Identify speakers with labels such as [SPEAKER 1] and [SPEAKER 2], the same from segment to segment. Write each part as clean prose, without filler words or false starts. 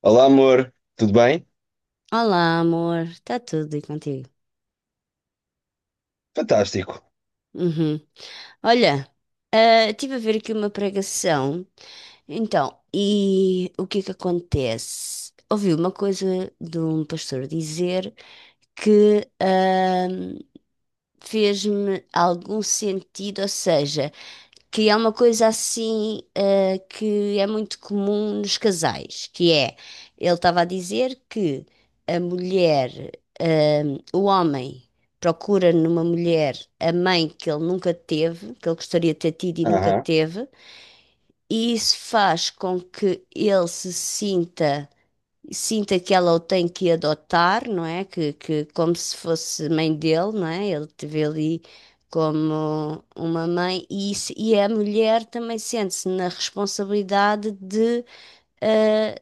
[SPEAKER 1] Olá, amor, tudo bem?
[SPEAKER 2] Olá, amor. Está tudo e contigo?
[SPEAKER 1] Fantástico.
[SPEAKER 2] Uhum. Olha, estive a ver aqui uma pregação. Então, e o que é que acontece? Ouvi uma coisa de um pastor dizer que fez-me algum sentido, ou seja, que é uma coisa assim, que é muito comum nos casais, que é, ele estava a dizer que a mulher, eh, o homem procura numa mulher a mãe que ele nunca teve, que ele gostaria de ter tido e nunca
[SPEAKER 1] Aham.
[SPEAKER 2] teve, e isso faz com que ele se sinta que ela o tem que adotar, não é? Que como se fosse mãe dele, não é? Ele teve ali como uma mãe e, e a mulher também sente-se na responsabilidade eh,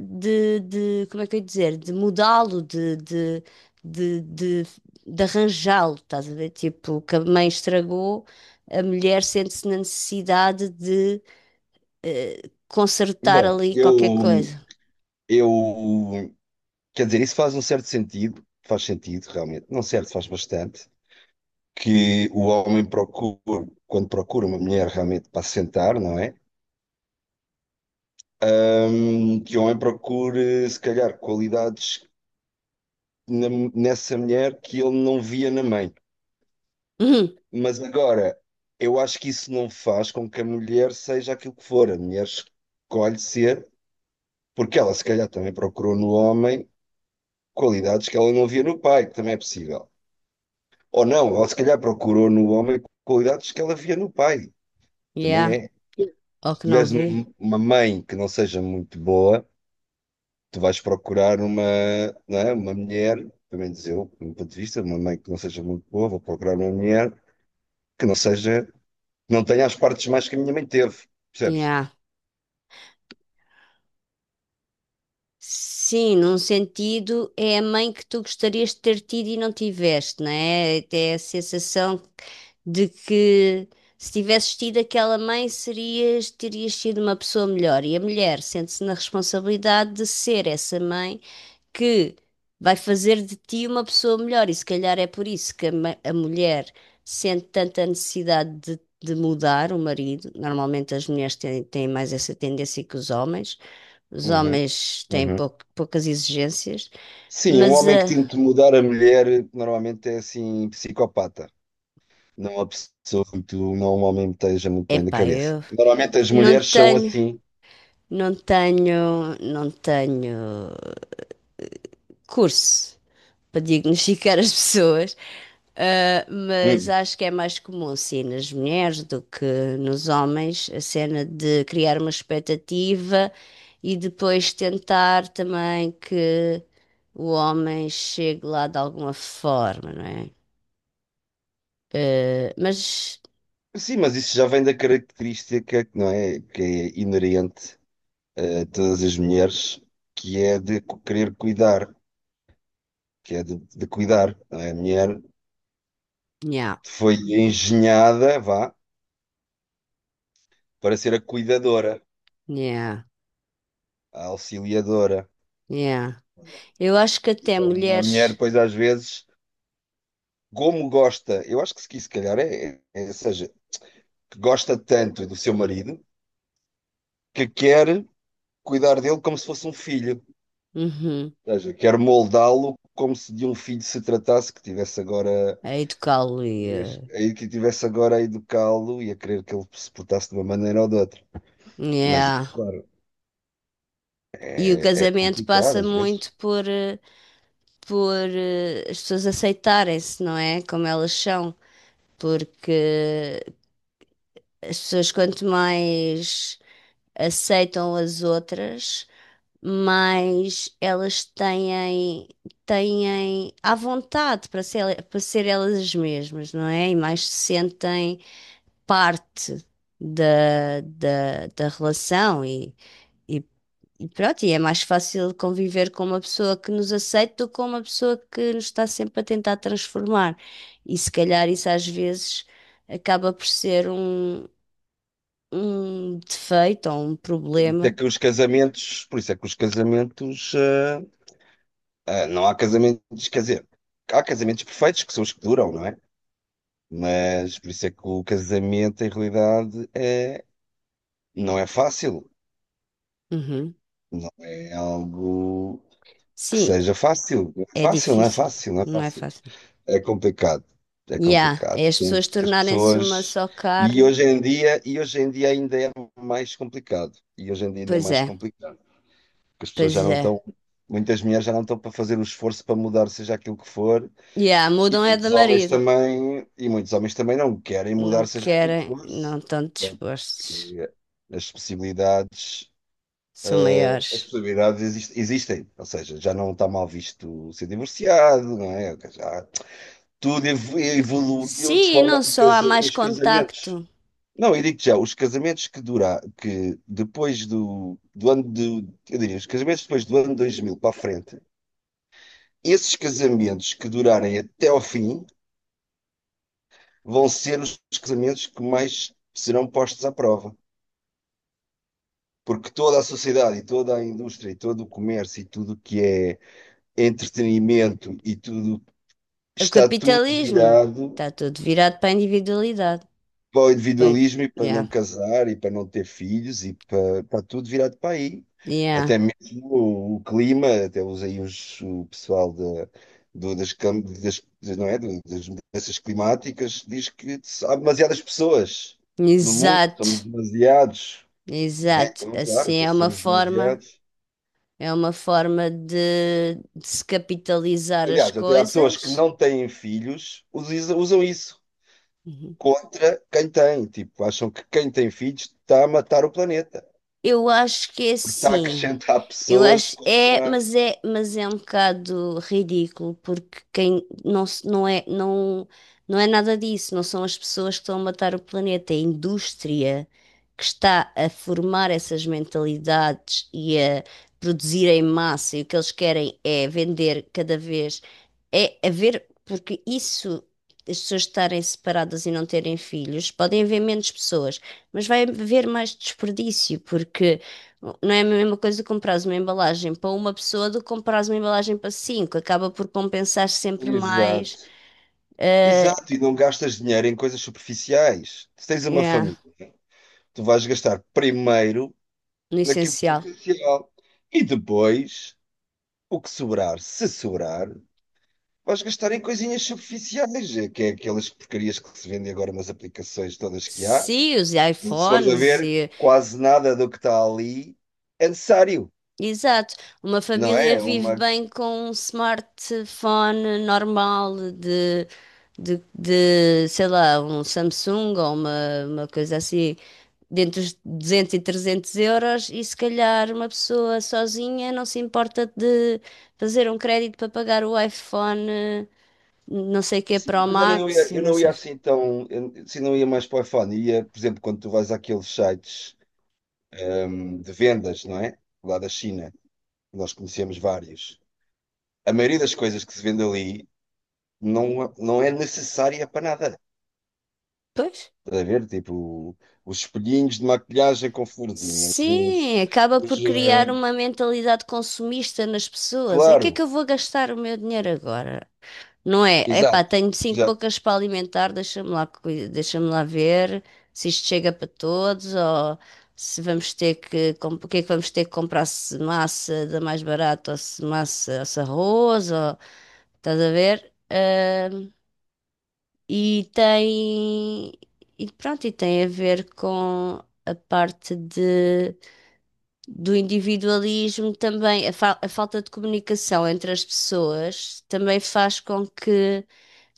[SPEAKER 2] como é que eu ia dizer? De mudá-lo, de, de, de arranjá-lo, estás a ver? Tipo, o que a mãe estragou, a mulher sente-se na necessidade eh, consertar
[SPEAKER 1] Bom,
[SPEAKER 2] ali qualquer coisa.
[SPEAKER 1] eu, quer dizer, isso faz um certo sentido, faz sentido, realmente, não certo, faz bastante, que o homem procure, quando procura uma mulher realmente para se sentar, não é? Que o homem procure, se calhar, qualidades na- nessa mulher que ele não via na mãe.
[SPEAKER 2] Uhum,
[SPEAKER 1] Mas agora, eu acho que isso não faz com que a mulher seja aquilo que for, a mulher escolhe ser. Porque ela, se calhar, também procurou no homem qualidades que ela não via no pai, que também é possível. Ou não, ela, se calhar, procurou no homem qualidades que ela via no pai, também
[SPEAKER 2] yeah.
[SPEAKER 1] é.
[SPEAKER 2] Ou
[SPEAKER 1] Se
[SPEAKER 2] que não
[SPEAKER 1] tiveres uma
[SPEAKER 2] vê?
[SPEAKER 1] uma mãe que não seja muito boa, tu vais procurar uma, não é? Uma mulher, pelo menos eu, do meu ponto de vista, uma mãe que não seja muito boa, vou procurar uma mulher que não seja, que não tenha as partes mais que a minha mãe teve, percebes?
[SPEAKER 2] Yeah. Sim, num sentido, é a mãe que tu gostarias de ter tido e não tiveste, não é? Até a sensação de que se tivesses tido aquela mãe, terias sido uma pessoa melhor. E a mulher sente-se na responsabilidade de ser essa mãe que vai fazer de ti uma pessoa melhor. E se calhar é por isso que a mulher sente tanta necessidade de mudar o marido. Normalmente as mulheres têm mais essa tendência que os homens. Os
[SPEAKER 1] Uhum,
[SPEAKER 2] homens têm
[SPEAKER 1] uhum.
[SPEAKER 2] poucas exigências,
[SPEAKER 1] Sim, um
[SPEAKER 2] mas
[SPEAKER 1] homem que
[SPEAKER 2] é
[SPEAKER 1] tenta mudar a mulher normalmente é assim psicopata. Não há pessoa que tu não homem esteja muito bem da
[SPEAKER 2] epá,
[SPEAKER 1] cabeça.
[SPEAKER 2] eu
[SPEAKER 1] Normalmente as
[SPEAKER 2] não
[SPEAKER 1] mulheres são
[SPEAKER 2] tenho,
[SPEAKER 1] assim.
[SPEAKER 2] não tenho curso para diagnosticar as pessoas. Ah, mas
[SPEAKER 1] Hum.
[SPEAKER 2] acho que é mais comum, sim, nas mulheres do que nos homens, a cena de criar uma expectativa e depois tentar também que o homem chegue lá de alguma forma, não é? Ah, mas,
[SPEAKER 1] Sim, mas isso já vem da característica que não é que é inerente a todas as mulheres, que é de querer cuidar, que é de cuidar. Não é? A mulher
[SPEAKER 2] yeah,
[SPEAKER 1] foi engenhada, vá, para ser a cuidadora,
[SPEAKER 2] yeah,
[SPEAKER 1] a auxiliadora.
[SPEAKER 2] yeah. Eu acho que até
[SPEAKER 1] Então, a mulher,
[SPEAKER 2] mulheres,
[SPEAKER 1] pois, às vezes, como gosta, eu acho que se calhar é, é, é- seja, que gosta tanto do seu marido que quer cuidar dele como se fosse um filho.
[SPEAKER 2] uhum,
[SPEAKER 1] Ou seja, quero moldá-lo como se de um filho se tratasse,
[SPEAKER 2] a educá-lo e, ah,
[SPEAKER 1] que tivesse agora a educá-lo e a querer que ele se portasse de uma maneira ou de outra. Mas
[SPEAKER 2] yeah.
[SPEAKER 1] isso, claro,
[SPEAKER 2] E o
[SPEAKER 1] é
[SPEAKER 2] casamento
[SPEAKER 1] complicado
[SPEAKER 2] passa
[SPEAKER 1] às vezes.
[SPEAKER 2] muito por. Ah, por as pessoas aceitarem-se, não é? Como elas são. Porque as pessoas, quanto mais aceitam as outras, mais elas têm à vontade para para ser elas mesmas, não é? E mais se sentem parte da relação e E pronto, e é mais fácil conviver com uma pessoa que nos aceita do que com uma pessoa que nos está sempre a tentar transformar. E se calhar isso às vezes acaba por ser um defeito ou um problema.
[SPEAKER 1] Por isso é que os casamentos, não há casamentos, quer dizer, há casamentos perfeitos que são os que duram, não é? Mas por isso é que o casamento, em realidade, é, não é fácil,
[SPEAKER 2] Uhum.
[SPEAKER 1] não é algo que
[SPEAKER 2] Sim,
[SPEAKER 1] seja fácil.
[SPEAKER 2] é
[SPEAKER 1] Fácil, não é
[SPEAKER 2] difícil,
[SPEAKER 1] fácil, não é
[SPEAKER 2] não é
[SPEAKER 1] fácil.
[SPEAKER 2] fácil.
[SPEAKER 1] É complicado. É
[SPEAKER 2] Yeah,
[SPEAKER 1] complicado.
[SPEAKER 2] é as
[SPEAKER 1] Tem-
[SPEAKER 2] pessoas
[SPEAKER 1] As
[SPEAKER 2] tornarem-se uma
[SPEAKER 1] pessoas.
[SPEAKER 2] só carne.
[SPEAKER 1] E hoje em dia ainda é mais complicado. E hoje em dia ainda é
[SPEAKER 2] Pois
[SPEAKER 1] mais
[SPEAKER 2] é,
[SPEAKER 1] complicado. Porque as pessoas
[SPEAKER 2] pois
[SPEAKER 1] já não
[SPEAKER 2] é.
[SPEAKER 1] estão. Muitas mulheres já não estão para fazer o esforço para mudar, seja aquilo que for.
[SPEAKER 2] Yeah,
[SPEAKER 1] E
[SPEAKER 2] mudam é de
[SPEAKER 1] muitos homens
[SPEAKER 2] marido.
[SPEAKER 1] também. E muitos homens também não querem
[SPEAKER 2] Não
[SPEAKER 1] mudar, seja aquilo que
[SPEAKER 2] querem,
[SPEAKER 1] for.
[SPEAKER 2] não estão dispostos.
[SPEAKER 1] Porque as possibilidades.
[SPEAKER 2] São
[SPEAKER 1] As
[SPEAKER 2] maiores.
[SPEAKER 1] possibilidades existem, ou seja, já não está mal visto ser divorciado, não é? Já, tudo evoluiu de
[SPEAKER 2] Sim, e não
[SPEAKER 1] forma que o
[SPEAKER 2] só há mais
[SPEAKER 1] os casamentos.
[SPEAKER 2] contacto.
[SPEAKER 1] Não, eu digo já, os casamentos que durar, que depois do, do ano do, eu diria, os casamentos depois do ano 2000 para a frente, esses casamentos que durarem até ao fim vão ser os casamentos que mais serão postos à prova. Porque toda a sociedade e toda a indústria e todo o comércio e tudo o que é entretenimento e tudo
[SPEAKER 2] O
[SPEAKER 1] está tudo
[SPEAKER 2] capitalismo
[SPEAKER 1] virado
[SPEAKER 2] está tudo virado para a individualidade.
[SPEAKER 1] para o
[SPEAKER 2] Bem,
[SPEAKER 1] individualismo e para
[SPEAKER 2] yeah,
[SPEAKER 1] não casar e para não ter filhos e para, está tudo virado para aí.
[SPEAKER 2] yeah.
[SPEAKER 1] Até mesmo o clima, até os, aí os, o pessoal da, do, das, cam- das, das- não é, das mudanças climáticas diz que há demasiadas pessoas no mundo, somos
[SPEAKER 2] Exato,
[SPEAKER 1] demasiados. É,
[SPEAKER 2] exato.
[SPEAKER 1] então, claro,
[SPEAKER 2] Assim
[SPEAKER 1] então somos demasiados.
[SPEAKER 2] é uma forma de se capitalizar as
[SPEAKER 1] Aliás, até há pessoas que
[SPEAKER 2] coisas.
[SPEAKER 1] não têm filhos, usam isso
[SPEAKER 2] Uhum.
[SPEAKER 1] contra quem tem. Tipo, acham que quem tem filhos está a matar o planeta,
[SPEAKER 2] Eu acho que é
[SPEAKER 1] porque está a
[SPEAKER 2] assim.
[SPEAKER 1] acrescentar
[SPEAKER 2] Eu
[SPEAKER 1] pessoas
[SPEAKER 2] acho é,
[SPEAKER 1] contra.
[SPEAKER 2] mas é, mas é um bocado ridículo porque quem não é não é nada disso, não são as pessoas que estão a matar o planeta, é a indústria que está a formar essas mentalidades e a produzir em massa e o que eles querem é vender cada vez é haver, porque isso, as pessoas estarem separadas e não terem filhos, podem haver menos pessoas, mas vai haver mais desperdício, porque não é a mesma coisa comprares uma embalagem para uma pessoa do que comprares uma embalagem para cinco. Acaba por compensar sempre mais,
[SPEAKER 1] Exato.
[SPEAKER 2] eh,
[SPEAKER 1] Exato, e não gastas dinheiro em coisas superficiais. Se tens uma
[SPEAKER 2] yeah,
[SPEAKER 1] família, tu vais gastar primeiro
[SPEAKER 2] no
[SPEAKER 1] naquilo que é
[SPEAKER 2] essencial.
[SPEAKER 1] essencial e depois o que sobrar, se sobrar, vais gastar em coisinhas superficiais, é que é aquelas porcarias que se vendem agora nas aplicações todas que há.
[SPEAKER 2] Sim, os
[SPEAKER 1] Se fores a
[SPEAKER 2] iPhones
[SPEAKER 1] ver,
[SPEAKER 2] e.
[SPEAKER 1] quase nada do que está ali é necessário.
[SPEAKER 2] Exato. Uma
[SPEAKER 1] Não
[SPEAKER 2] família
[SPEAKER 1] é?
[SPEAKER 2] vive
[SPEAKER 1] Uma...
[SPEAKER 2] bem com um smartphone normal sei lá, um Samsung ou uma coisa assim, dentro dos 200 e 300 euros, e se calhar uma pessoa sozinha não se importa de fazer um crédito para pagar o iPhone, não sei o
[SPEAKER 1] E
[SPEAKER 2] que,
[SPEAKER 1] sim,
[SPEAKER 2] Pro
[SPEAKER 1] mas
[SPEAKER 2] Max e
[SPEAKER 1] eu
[SPEAKER 2] não
[SPEAKER 1] não
[SPEAKER 2] sei
[SPEAKER 1] ia
[SPEAKER 2] o quê.
[SPEAKER 1] assim tão. Eu, se não ia mais para o iPhone, ia, por exemplo, quando tu vais àqueles sites de vendas, não é? Lá da China, nós conhecemos vários. A maioria das coisas que se vende ali não, não é necessária para nada.
[SPEAKER 2] Pois.
[SPEAKER 1] Estás a ver? Tipo, os espelhinhos de maquilhagem com florzinhas, os.
[SPEAKER 2] Sim, acaba
[SPEAKER 1] Os
[SPEAKER 2] por criar
[SPEAKER 1] eh,
[SPEAKER 2] uma mentalidade consumista nas pessoas. É que
[SPEAKER 1] claro,
[SPEAKER 2] eu vou gastar o meu dinheiro agora? Não é? Epá,
[SPEAKER 1] exato.
[SPEAKER 2] tenho cinco
[SPEAKER 1] Já,
[SPEAKER 2] bocas para alimentar, deixa-me lá, deixa-me lá ver se isto chega para todos ou se vamos ter que, o que é que vamos ter que comprar, se massa da mais barata ou se massa, ou se arroz, ou, estás a ver? E tem, e pronto, e tem a ver com a parte de, do individualismo também, a falta de comunicação entre as pessoas também faz com que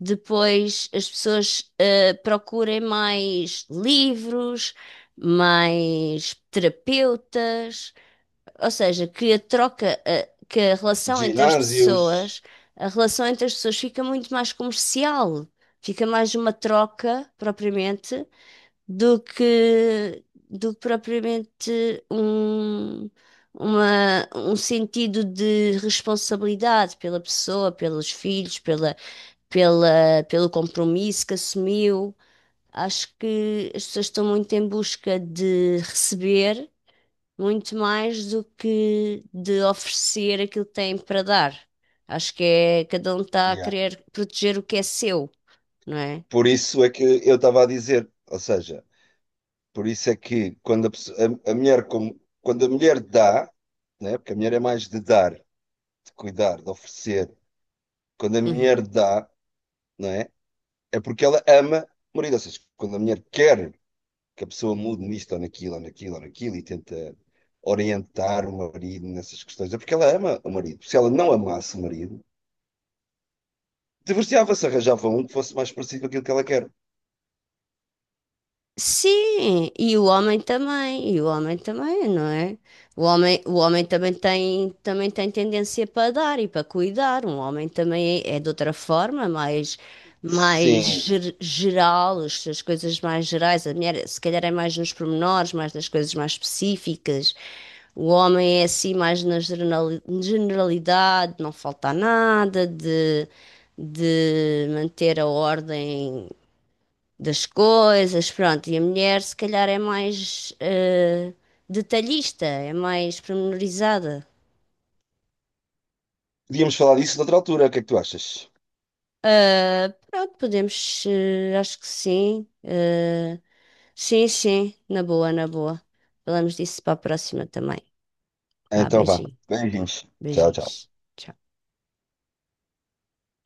[SPEAKER 2] depois as pessoas procurem mais livros, mais terapeutas, ou seja, que a troca, que a relação entre as
[SPEAKER 1] ginásios.
[SPEAKER 2] pessoas, a relação entre as pessoas fica muito mais comercial, fica mais uma troca propriamente do que do que propriamente um sentido de responsabilidade pela pessoa, pelos filhos, pela, pelo compromisso que assumiu. Acho que as pessoas estão muito em busca de receber muito mais do que de oferecer aquilo que têm para dar. Acho que é, cada um está a
[SPEAKER 1] Yeah.
[SPEAKER 2] querer proteger o que é seu, não é?
[SPEAKER 1] Por isso é que eu estava a dizer, ou seja. Por isso é que quando a mulher, quando a mulher dá, né? Porque a mulher é mais de dar, de cuidar, de oferecer, quando a mulher dá, não é? É porque ela ama o marido. Ou seja, quando a mulher quer que a pessoa mude nisto ou naquilo ou naquilo ou naquilo e tenta orientar o marido nessas questões, é porque ela ama o marido. Se ela não amasse o marido, divorciava-se, arranjava um que fosse mais parecido com aquilo que ela quer.
[SPEAKER 2] Sim, e o homem também, e o homem também, não é? O homem também tem tendência para dar e para cuidar. Um homem também é, é de outra forma, mais, mais
[SPEAKER 1] Sim,
[SPEAKER 2] geral, as suas coisas mais gerais. A mulher, se calhar, é mais nos pormenores, mais nas coisas mais específicas. O homem é assim mais na generalidade, não falta nada de, de manter a ordem das coisas, pronto. E a mulher, se calhar, é mais detalhista, é mais pormenorizada.
[SPEAKER 1] podíamos falar disso noutra altura. O que é que tu achas?
[SPEAKER 2] Ah, pronto, podemos, acho que sim. Sim, sim, na boa, na boa. Falamos disso para a próxima também. Vá,
[SPEAKER 1] Então vá.
[SPEAKER 2] beijinho,
[SPEAKER 1] Beijinhos. Tchau, tchau.
[SPEAKER 2] beijinhos. Tchau.